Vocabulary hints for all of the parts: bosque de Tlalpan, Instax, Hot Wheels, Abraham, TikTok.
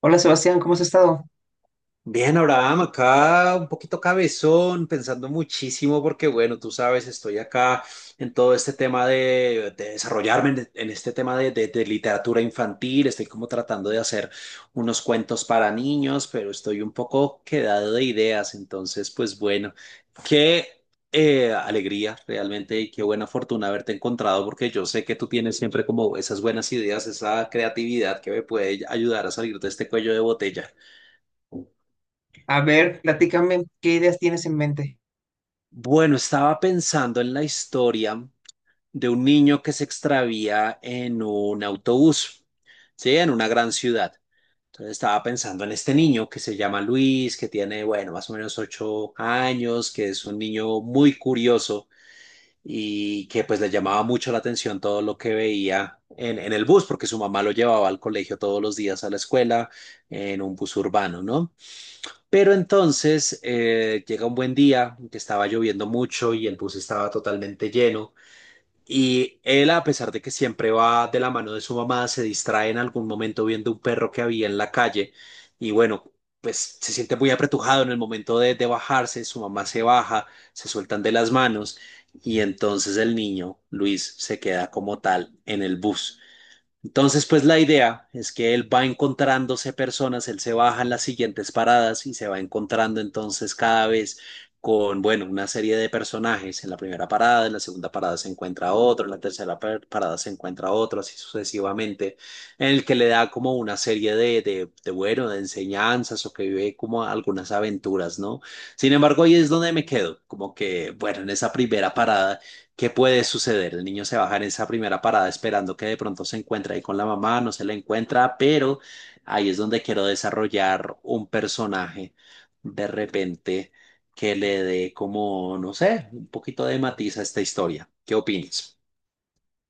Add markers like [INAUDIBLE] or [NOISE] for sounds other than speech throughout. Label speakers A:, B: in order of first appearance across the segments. A: Hola Sebastián, ¿cómo has estado?
B: Bien, Abraham, acá un poquito cabezón, pensando muchísimo porque, bueno, tú sabes, estoy acá en todo este tema de desarrollarme en este tema de literatura infantil, estoy como tratando de hacer unos cuentos para niños, pero estoy un poco quedado de ideas, entonces, pues bueno, qué alegría realmente y qué buena fortuna haberte encontrado porque yo sé que tú tienes siempre como esas buenas ideas, esa creatividad que me puede ayudar a salir de este cuello de botella.
A: A ver, platícame, ¿qué ideas tienes en mente?
B: Bueno, estaba pensando en la historia de un niño que se extravía en un autobús, ¿sí? En una gran ciudad. Entonces estaba pensando en este niño que se llama Luis, que tiene, bueno, más o menos 8 años, que es un niño muy curioso y que pues le llamaba mucho la atención todo lo que veía en el bus, porque su mamá lo llevaba al colegio todos los días a la escuela en un bus urbano, ¿no? Pero entonces llega un buen día, en que estaba lloviendo mucho y el bus estaba totalmente lleno. Y él, a pesar de que siempre va de la mano de su mamá, se distrae en algún momento viendo un perro que había en la calle. Y bueno, pues se siente muy apretujado en el momento de bajarse. Su mamá se baja, se sueltan de las manos. Y entonces el niño, Luis, se queda como tal en el bus. Entonces, pues la idea es que él va encontrándose personas, él se baja en las siguientes paradas y se va encontrando entonces cada vez con, bueno, una serie de personajes. En la primera parada, en la segunda parada se encuentra otro, en la tercera parada se encuentra otro, así sucesivamente, en el que le da como una serie bueno, de enseñanzas o que vive como algunas aventuras, ¿no? Sin embargo, ahí es donde me quedo, como que, bueno, en esa primera parada, ¿qué puede suceder? El niño se baja en esa primera parada esperando que de pronto se encuentre ahí con la mamá, no se la encuentra, pero ahí es donde quiero desarrollar un personaje de repente que le dé como, no sé, un poquito de matiz a esta historia. ¿Qué opinas?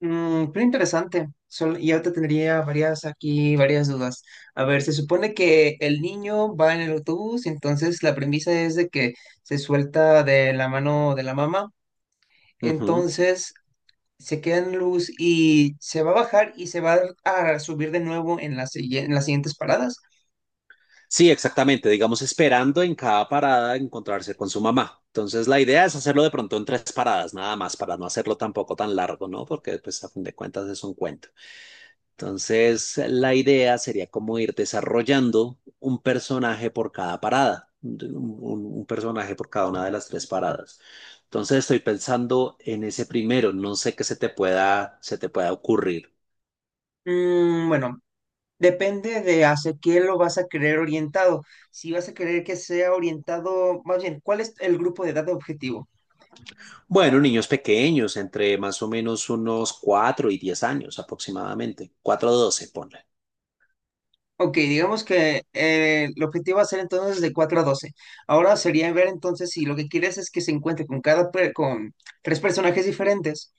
A: Mm, pero interesante. Y ahorita tendría varias aquí, varias dudas. A ver, se supone que el niño va en el autobús, entonces la premisa es de que se suelta de la mano de la mamá,
B: Ujú.
A: entonces se queda en luz y se va a bajar y se va a subir de nuevo en en las siguientes paradas.
B: Sí, exactamente. Digamos, esperando en cada parada encontrarse con su mamá. Entonces, la idea es hacerlo de pronto en 3 paradas, nada más, para no hacerlo tampoco tan largo, ¿no? Porque, pues, a fin de cuentas es un cuento. Entonces, la idea sería como ir desarrollando un personaje por cada parada, un personaje por cada una de las 3 paradas. Entonces, estoy pensando en ese primero, no sé qué se te pueda ocurrir.
A: Mm, bueno. Depende de hacia quién lo vas a querer orientado. Si vas a querer que sea orientado, más bien, ¿cuál es el grupo de edad objetivo?
B: Bueno, niños pequeños, entre más o menos unos 4 y 10 años aproximadamente, 4 a 12, ponle.
A: Ok, digamos que el objetivo va a ser entonces de 4 a 12. Ahora sería ver entonces si lo que quieres es que se encuentre con con tres personajes diferentes.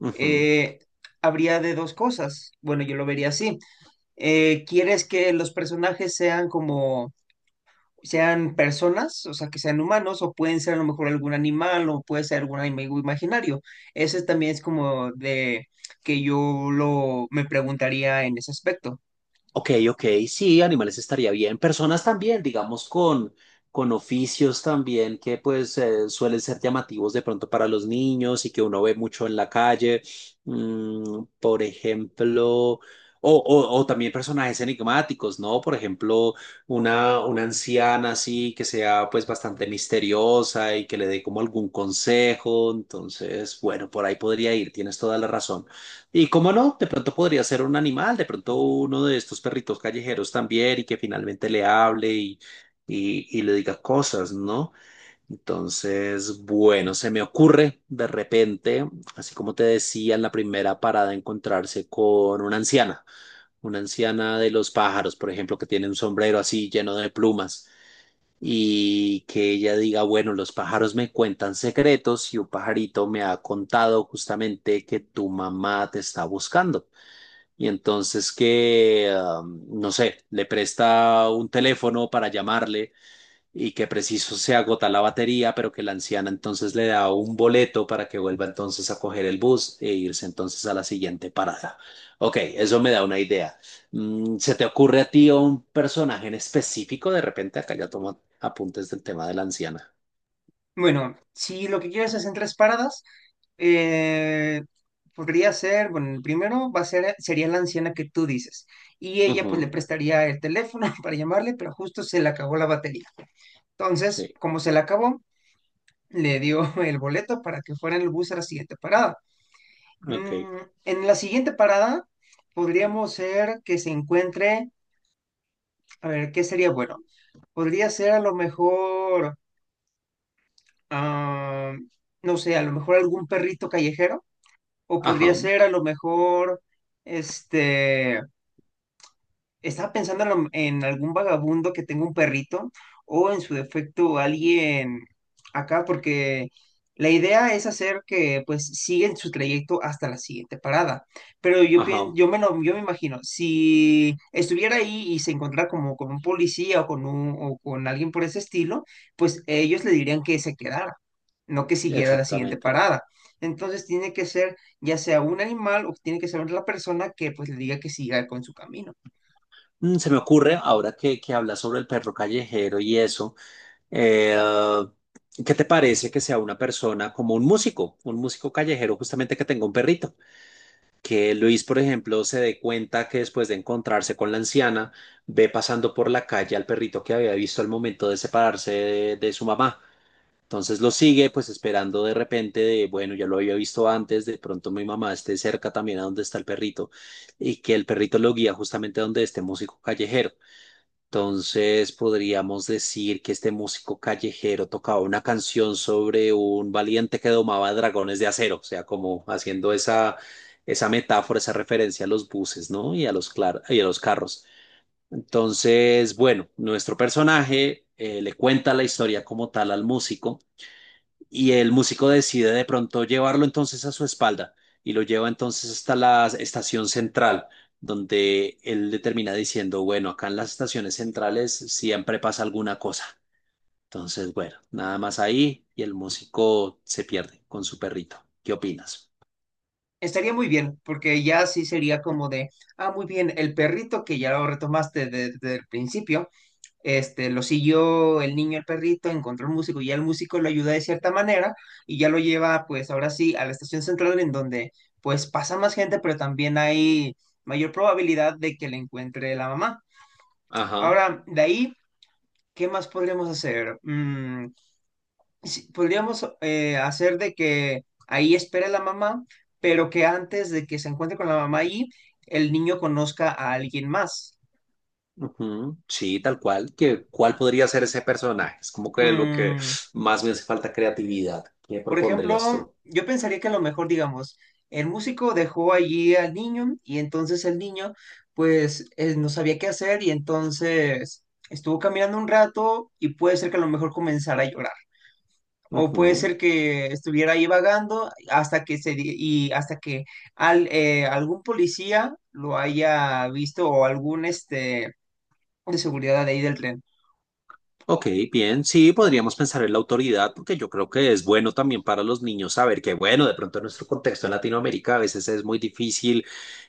B: Ujú.
A: eh, Habría de dos cosas. Bueno, yo lo vería así. ¿Quieres que los personajes sean personas? O sea, que sean humanos, o pueden ser a lo mejor algún animal, o puede ser algún amigo imaginario. Ese también es como de que yo lo me preguntaría en ese aspecto.
B: Ok, ok, sí, animales estaría bien. Personas también, digamos, con oficios también que pues suelen ser llamativos de pronto para los niños y que uno ve mucho en la calle. Mm, por ejemplo, o, o también personajes enigmáticos, ¿no? Por ejemplo, una anciana así que sea pues bastante misteriosa y que le dé como algún consejo. Entonces, bueno, por ahí podría ir, tienes toda la razón. Y cómo no, de pronto podría ser un animal, de pronto uno de estos perritos callejeros también y que finalmente le hable y le diga cosas, ¿no? Entonces, bueno, se me ocurre de repente, así como te decía en la primera parada, encontrarse con una anciana de los pájaros, por ejemplo, que tiene un sombrero así lleno de plumas y que ella diga, bueno, los pájaros me cuentan secretos y un pajarito me ha contado justamente que tu mamá te está buscando. Y entonces que, no sé, le presta un teléfono para llamarle y que preciso se agota la batería, pero que la anciana entonces le da un boleto para que vuelva entonces a coger el bus e irse entonces a la siguiente parada. Ok, eso me da una idea. Mm, ¿se te ocurre a ti un personaje en específico? De repente acá ya tomo apuntes del tema de la anciana.
A: Bueno, si lo que quieres es en tres paradas, eh, podría ser, bueno, el primero va a ser, sería la anciana que tú dices, y ella pues le
B: Ujú,
A: prestaría el teléfono [LAUGHS] para llamarle, pero justo se le acabó la batería. Entonces,
B: sí,
A: como se le acabó, le dio [LAUGHS] el boleto para que fuera en el bus a la siguiente parada.
B: ok.
A: Mm, en la siguiente parada podríamos ser que se encuentre. A ver, ¿qué sería bueno? Podría ser a lo mejor, ah, no sé, a lo mejor algún perrito callejero, o
B: Ajá,
A: podría ser a lo mejor, este, estaba pensando en, en algún vagabundo que tenga un perrito, o en su defecto alguien acá, porque la idea es hacer que pues siguen su trayecto hasta la siguiente parada. Pero yo pien-
B: ajá,
A: yo me lo- yo me imagino, si estuviera ahí y se encontrara como con un policía o con alguien por ese estilo, pues ellos le dirían que se quedara, no que siguiera la siguiente
B: exactamente.
A: parada. Entonces tiene que ser ya sea un animal o tiene que ser la persona que pues le diga que siga con su camino.
B: Mm, se me ocurre, ahora que hablas sobre el perro callejero y eso, eh, ¿qué te parece que sea una persona como un músico callejero justamente que tenga un perrito? Que Luis, por ejemplo, se dé cuenta que después de encontrarse con la anciana, ve pasando por la calle al perrito que había visto al momento de separarse de su mamá. Entonces lo sigue, pues esperando de repente de, bueno, ya lo había visto antes, de pronto mi mamá esté cerca también a donde está el perrito y que el perrito lo guía justamente a donde este músico callejero. Entonces podríamos decir que este músico callejero tocaba una canción sobre un valiente que domaba dragones de acero, o sea, como haciendo esa, esa metáfora, esa referencia a los buses, ¿no? Y a los, y a los carros. Entonces, bueno, nuestro personaje le cuenta la historia como tal al músico y el músico decide de pronto llevarlo entonces a su espalda y lo lleva entonces hasta la estación central, donde él le termina diciendo, bueno, acá en las estaciones centrales siempre pasa alguna cosa. Entonces, bueno, nada más ahí y el músico se pierde con su perrito. ¿Qué opinas?
A: Estaría muy bien, porque ya sí sería como de, ah, muy bien, el perrito que ya lo retomaste desde el principio, este, lo siguió el niño, el perrito, encontró el músico y ya el músico lo ayuda de cierta manera y ya lo lleva, pues ahora sí, a la estación central en donde pues pasa más gente, pero también hay mayor probabilidad de que le encuentre la mamá.
B: Ajá.
A: Ahora, de ahí, ¿qué más podríamos hacer? Mm, sí, podríamos hacer de que ahí espere la mamá, pero que antes de que se encuentre con la mamá ahí, el niño conozca a alguien más.
B: Ujú, sí, tal cual. ¿Que cuál podría ser ese personaje? Es como que lo que
A: Mm,
B: más me hace falta creatividad. ¿Qué
A: por
B: propondrías
A: ejemplo,
B: tú?
A: yo pensaría que a lo mejor, digamos, el músico dejó allí al niño y entonces el niño, pues, no sabía qué hacer y entonces estuvo caminando un rato y puede ser que a lo mejor comenzara a llorar. O puede
B: Ujú.
A: ser que estuviera ahí vagando hasta que se di- y hasta que algún policía lo haya visto, o algún este de seguridad de ahí del tren.
B: Ok, bien, sí, podríamos pensar en la autoridad porque yo creo que es bueno también para los niños saber que, bueno, de pronto en nuestro contexto en Latinoamérica a veces es muy difícil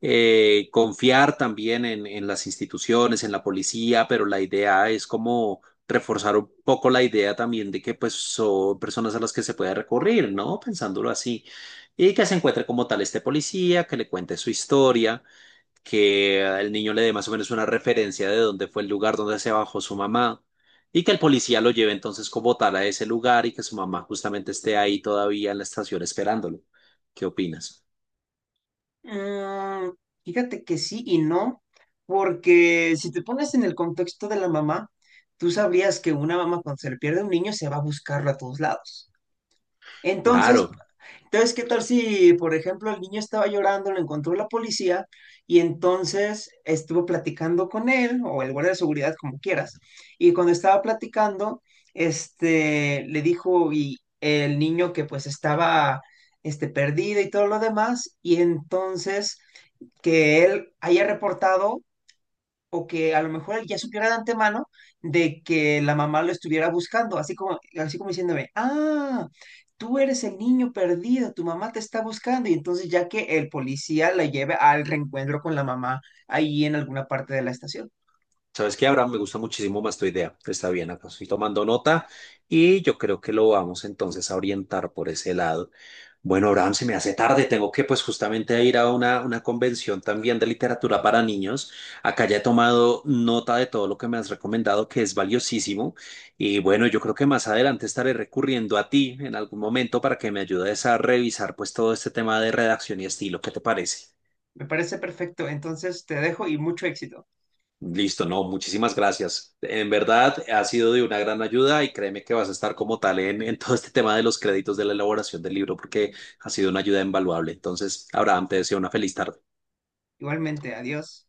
B: confiar también en las instituciones, en la policía, pero la idea es como reforzar un poco la idea también de que pues son personas a las que se puede recurrir, ¿no? Pensándolo así. Y que se encuentre como tal este policía, que le cuente su historia, que el niño le dé más o menos una referencia de dónde fue el lugar donde se bajó su mamá y que el policía lo lleve entonces como tal a ese lugar y que su mamá justamente esté ahí todavía en la estación esperándolo. ¿Qué opinas?
A: Mm, fíjate que sí y no, porque si te pones en el contexto de la mamá, tú sabrías que una mamá cuando se le pierde un niño se va a buscarlo a todos lados. Entonces,
B: Claro.
A: Entonces, ¿qué tal si, por ejemplo, el niño estaba llorando, lo encontró la policía y entonces estuvo platicando con él, o el guardia de seguridad, como quieras? Y cuando estaba platicando, este, le dijo, y el niño que pues estaba, este, perdido y todo lo demás, y entonces que él haya reportado, o que a lo mejor él ya supiera de antemano de que la mamá lo estuviera buscando, así como diciéndome, ah, tú eres el niño perdido, tu mamá te está buscando, y entonces ya que el policía la lleve al reencuentro con la mamá ahí en alguna parte de la estación.
B: ¿Sabes qué, Abraham? Me gusta muchísimo más tu idea. Está bien, acá estoy tomando nota y yo creo que lo vamos entonces a orientar por ese lado. Bueno, Abraham, se me hace tarde, tengo que pues justamente ir a una convención también de literatura para niños. Acá ya he tomado nota de todo lo que me has recomendado, que es valiosísimo. Y bueno, yo creo que más adelante estaré recurriendo a ti en algún momento para que me ayudes a revisar pues todo este tema de redacción y estilo. ¿Qué te parece?
A: Me parece perfecto, entonces te dejo y mucho éxito.
B: Listo, no, muchísimas gracias. En verdad, ha sido de una gran ayuda y créeme que vas a estar como tal en todo este tema de los créditos de la elaboración del libro porque ha sido una ayuda invaluable. Entonces, Abraham, te deseo una feliz tarde.
A: Igualmente, adiós.